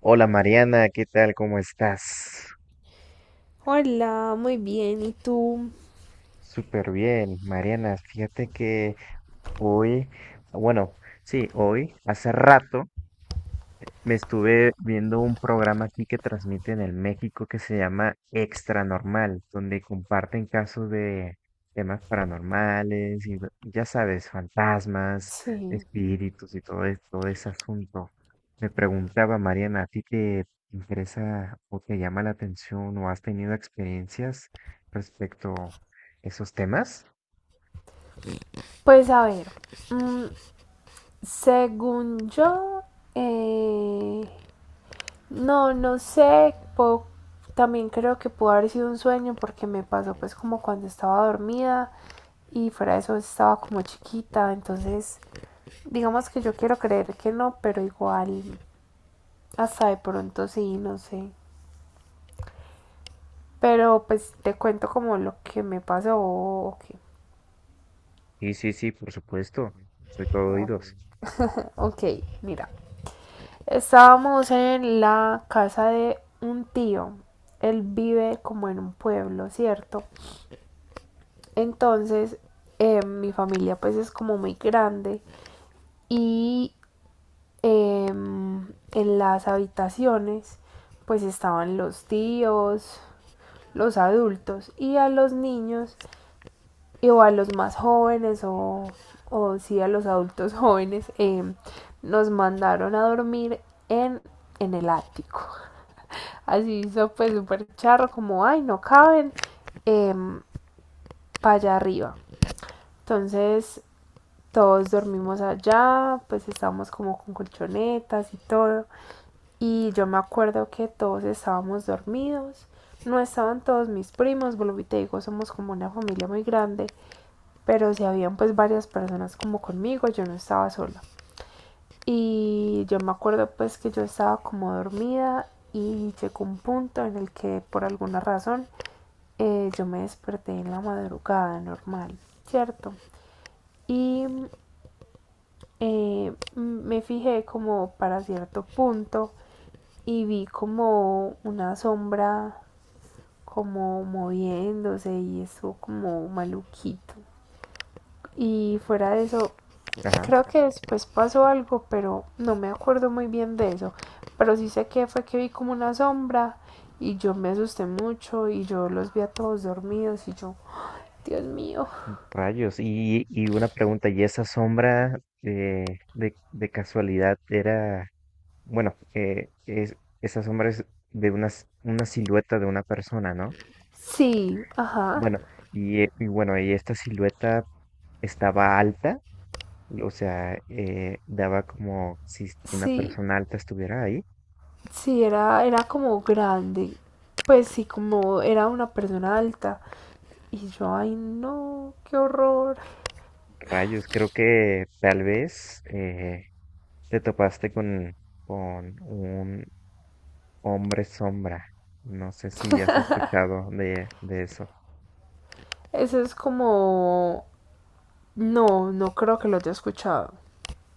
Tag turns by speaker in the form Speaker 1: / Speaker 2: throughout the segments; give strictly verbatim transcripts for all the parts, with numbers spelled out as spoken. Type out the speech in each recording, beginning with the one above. Speaker 1: Hola, Mariana, ¿qué tal? ¿Cómo estás?
Speaker 2: Hola, muy bien. ¿Y tú?
Speaker 1: Súper bien, Mariana. Fíjate que hoy, bueno, sí, hoy, hace rato, me estuve viendo un programa aquí que transmiten en México que se llama Extra Normal, donde comparten casos de temas paranormales y ve- ya sabes, fantasmas,
Speaker 2: Sí,
Speaker 1: espíritus y todo, es- todo ese asunto. Me preguntaba, Mariana, ¿a ti te interesa o te llama la atención o has tenido experiencias respecto a esos temas?
Speaker 2: pues a ver, mm, según yo, eh, no, no sé, puedo- también creo que pudo haber sido un sueño porque me pasó pues como cuando estaba dormida y fuera de eso estaba como chiquita, entonces digamos que yo quiero creer que no, pero igual hasta de pronto sí, no sé. Pero pues te cuento como lo que me pasó. Ok,
Speaker 1: Sí, sí, sí, por supuesto. Soy todo oídos.
Speaker 2: ok, mira. Estábamos en la casa de un tío. Él vive como en un pueblo, ¿cierto? Entonces, eh, mi familia pues es como muy grande y eh, en las habitaciones pues estaban los tíos, los adultos y a los niños y o a los más jóvenes o, o sí a los adultos jóvenes, eh, nos mandaron a dormir en, en el ático. Así hizo pues súper charro, como, ay, no caben, eh, para allá arriba. Entonces todos dormimos allá, pues estábamos como con colchonetas y todo. Y yo me acuerdo que todos estábamos dormidos. No estaban todos mis primos, volví te digo, somos como una familia muy grande, pero sí habían pues varias personas como conmigo, yo no estaba sola. Y yo me acuerdo pues que yo estaba como dormida y llegó un punto en el que por alguna razón eh, yo me desperté en la madrugada normal, ¿cierto? Y eh, me fijé como para cierto punto y vi como una sombra como moviéndose y estuvo como maluquito. Y fuera de eso,
Speaker 1: Ajá.
Speaker 2: creo que después pasó algo, pero no me acuerdo muy bien de eso. Pero sí sé que fue que vi como una sombra y yo me asusté mucho y yo los vi a todos dormidos y yo, Dios mío.
Speaker 1: Rayos, y, y una pregunta, ¿y esa sombra eh, de, de casualidad era, bueno, eh, es, esa sombra es de una, s- una silueta de una persona, ¿no?
Speaker 2: Sí, ajá.
Speaker 1: Bueno, y, eh, y bueno, y esta silueta estaba alta, o sea, eh, daba como si una
Speaker 2: Sí,
Speaker 1: persona alta estuviera ahí.
Speaker 2: sí, era, era como grande. Pues sí, como era una persona alta. Y yo, ay no, qué horror.
Speaker 1: Rayos, creo que tal vez eh, te topaste con, con Hombre Sombra. No sé si has escuchado de, de eso.
Speaker 2: Eso es como... No, no creo que lo haya escuchado.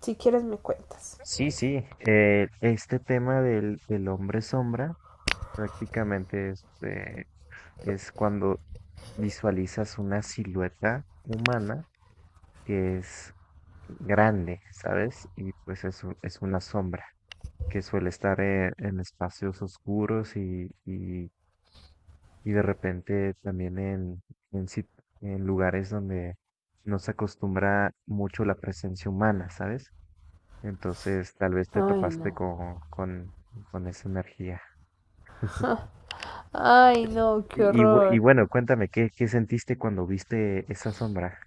Speaker 2: Si quieres me cuentas.
Speaker 1: Sí, sí, eh, este tema del, del hombre sombra prácticamente es, eh, es cuando visualizas una silueta humana que es grande, ¿sabes? Y pues es, u- es una sombra que suele estar eh, en espacios oscuros y, y y de repente también en, en, sit- en lugares donde no se acostumbra mucho la presencia humana, ¿sabes? Entonces tal vez te
Speaker 2: Ay
Speaker 1: topaste
Speaker 2: no.
Speaker 1: con, con, con esa energía.
Speaker 2: Ay, no, qué
Speaker 1: Y, y bu- y
Speaker 2: horror.
Speaker 1: bueno, cuéntame, ¿qué, ¿qué sentiste cuando viste esa sombra?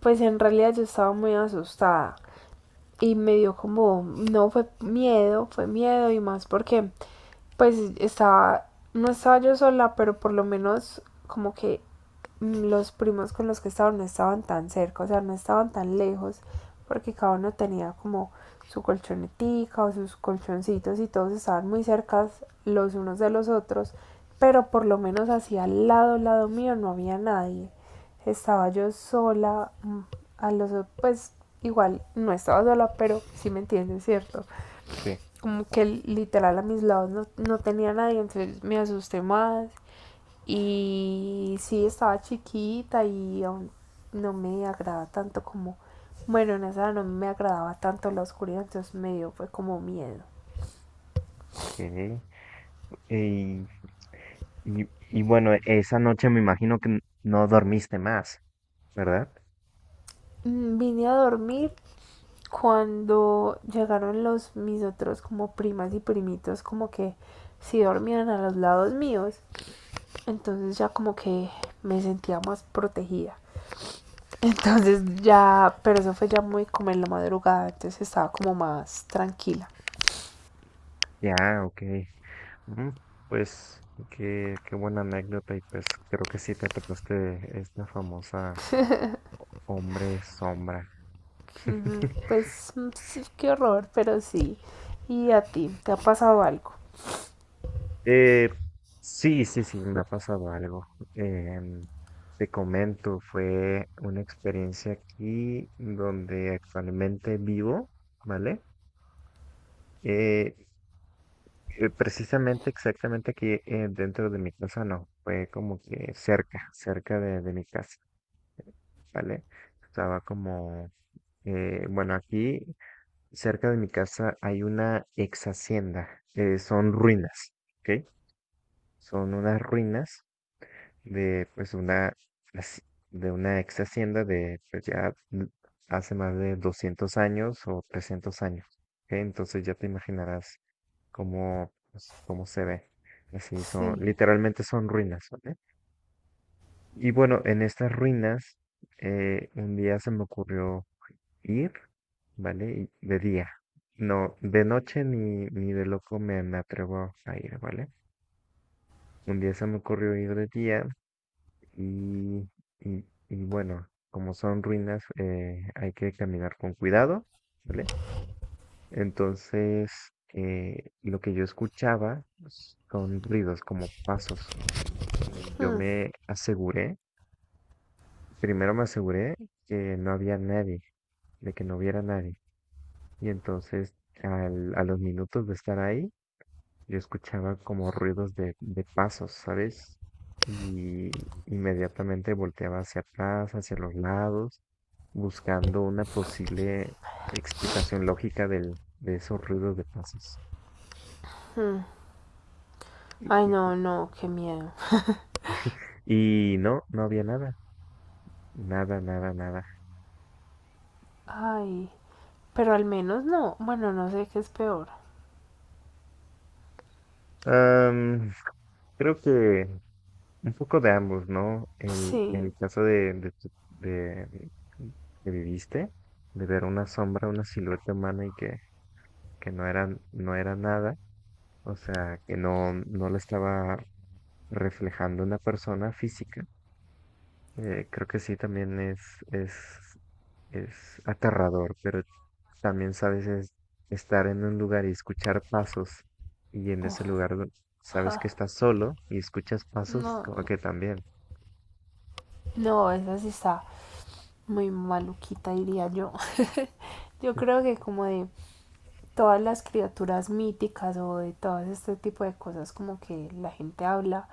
Speaker 2: Pues en realidad yo estaba muy asustada y me dio como, no fue miedo, fue miedo y más porque pues estaba, no estaba yo sola, pero por lo menos como que los primos con los que estaban no estaban tan cerca, o sea, no estaban tan lejos, porque cada uno tenía como su colchonetica o sus colchoncitos y todos estaban muy cerca los unos de los otros, pero por lo menos hacia al lado, al lado mío no había nadie. Estaba yo sola, mm, a los pues igual no estaba sola, pero sí me entienden, ¿cierto?
Speaker 1: Sí.
Speaker 2: Como que literal a mis lados no, no tenía nadie, entonces me asusté más y sí, estaba chiquita y aún no me agradaba tanto como, bueno, en esa no me agradaba tanto la oscuridad, entonces me dio fue como miedo.
Speaker 1: Ok. Y, y, y bueno, esa noche me imagino que n- no dormiste más, ¿verdad?
Speaker 2: Mm, Vine a dormir cuando llegaron los mis otros como primas y primitos como que sí dormían a los lados míos, entonces ya como que me sentía más protegida. Entonces ya, pero eso fue ya muy como en la madrugada, entonces estaba como más tranquila.
Speaker 1: Ya, ok. Ujú, pues qué, qué buena anécdota y pues creo que sí te topaste esta famosa hombre sombra.
Speaker 2: Mm, Pues mm, sí, qué horror, pero sí. ¿Y a ti? ¿Te ha pasado algo?
Speaker 1: Eh, sí, sí, sí, me ha pasado algo. Em, te comento, fue una experiencia aquí donde actualmente vivo, ¿vale? Eh, eh, precisamente, exactamente aquí eh, dentro de mi casa, no, fue como que cerca, cerca de, de mi casa, ¿vale? Estaba como Eh, bueno, aquí cerca de mi casa hay una ex hacienda. Eh, son ruinas, ¿ok? Son unas ruinas de pues una haci- de una ex hacienda de pues ya mm, hace más de doscientos años o trescientos años, ¿ok? Entonces ya te imaginarás cómo pues, cómo se ve. Así son,
Speaker 2: Sí.
Speaker 1: literalmente son ruinas, ¿vale? Y bueno, en estas ruinas eh, un día se me ocurrió ir, ¿vale? Y de día. No, de noche ni, ni de loco me, me atrevo a ir, ¿vale? Un día se me ocurrió ir de día y, y, y bueno, como son ruinas, eh, hay que caminar con cuidado, ¿vale? Entonces, eh, lo que yo escuchaba pues, son ruidos como pasos. Y yo me aseguré, primero me aseguré que no había nadie, de que no hubiera nadie. Y entonces, al- a los minutos de estar ahí, yo escuchaba como ruidos de, de pasos, ¿sabes? Y inmediatamente volteaba hacia atrás, hacia los lados, buscando una posible explicación lógica del, de esos ruidos de pasos. Y,
Speaker 2: Ay,
Speaker 1: y-
Speaker 2: no, no, qué miedo.
Speaker 1: y no, no había nada, nada, nada, nada.
Speaker 2: Ay, pero al menos no. Bueno, no sé qué es peor.
Speaker 1: Am, creo que un poco de ambos, ¿no? El, el
Speaker 2: Sí.
Speaker 1: caso de, de, tu- de- mm, que viviste, de ver una sombra, una silueta humana y que, que no era, no era nada, o sea, que no, no lo estaba reflejando una persona física. Eh, creo que sí, también es, es, es aterrador, pero también sabes es estar en un lugar y escuchar pasos y en
Speaker 2: Uf,
Speaker 1: ese lugar do- sabes que
Speaker 2: ja.
Speaker 1: estás solo y escuchas pasos,
Speaker 2: No,
Speaker 1: como
Speaker 2: no,
Speaker 1: que también.
Speaker 2: no, esa sí está muy maluquita, diría yo. Yo creo que como de todas las criaturas míticas o de todo este tipo de cosas como que la gente habla,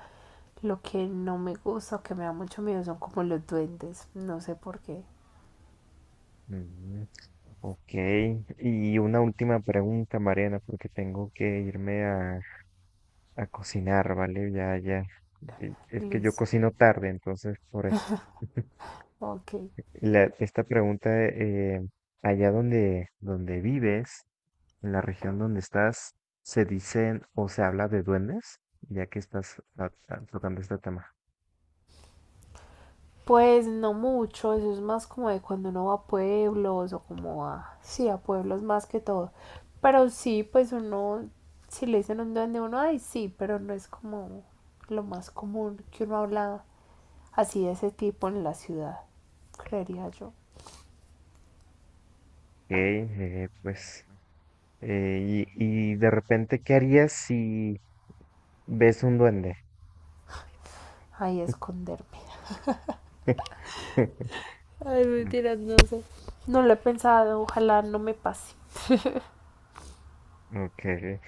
Speaker 2: lo que no me gusta o que me da mucho miedo son como los duendes. No sé por qué.
Speaker 1: Mm, ok. Y una última pregunta, Mariana, porque tengo que irme a, a cocinar, ¿vale? Ya, ya. Eh, es que yo
Speaker 2: Listo,
Speaker 1: cocino tarde, entonces por eso.
Speaker 2: ok.
Speaker 1: La- esta pregunta, eh, allá donde, donde vives, en la región donde estás se dicen o se habla de duendes, ya que estás a- a- tocando este tema.
Speaker 2: Pues no mucho, eso es más como de cuando uno va a pueblos o como a, sí, a pueblos más que todo. Pero sí, pues uno, si le dicen un duende, uno, ay, sí, pero no es como lo más común que uno habla así de ese tipo en la ciudad, creería yo.
Speaker 1: Ok, eh, pues, eh, y, y de repente, ¿qué harías si ves un duende?
Speaker 2: Ahí esconderme. Ay,
Speaker 1: Mm,
Speaker 2: mentiras, no sé. No lo he pensado, ojalá no me pase.
Speaker 1: okay,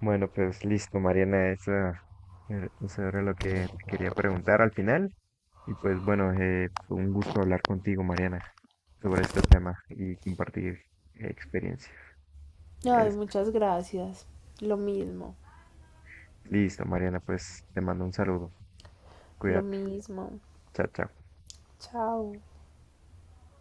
Speaker 1: bueno, pues listo, Mariana, eso, eh, eso era lo que te quería preguntar al final. Y pues bueno, eh, fue un gusto hablar contigo, Mariana, sobre este tema y compartir experiencias.
Speaker 2: Ay,
Speaker 1: Es-
Speaker 2: muchas gracias. Lo mismo,
Speaker 1: Listo, Mariana, pues te mando un saludo.
Speaker 2: lo
Speaker 1: Cuídate.
Speaker 2: mismo.
Speaker 1: Chao, chao.
Speaker 2: Chao.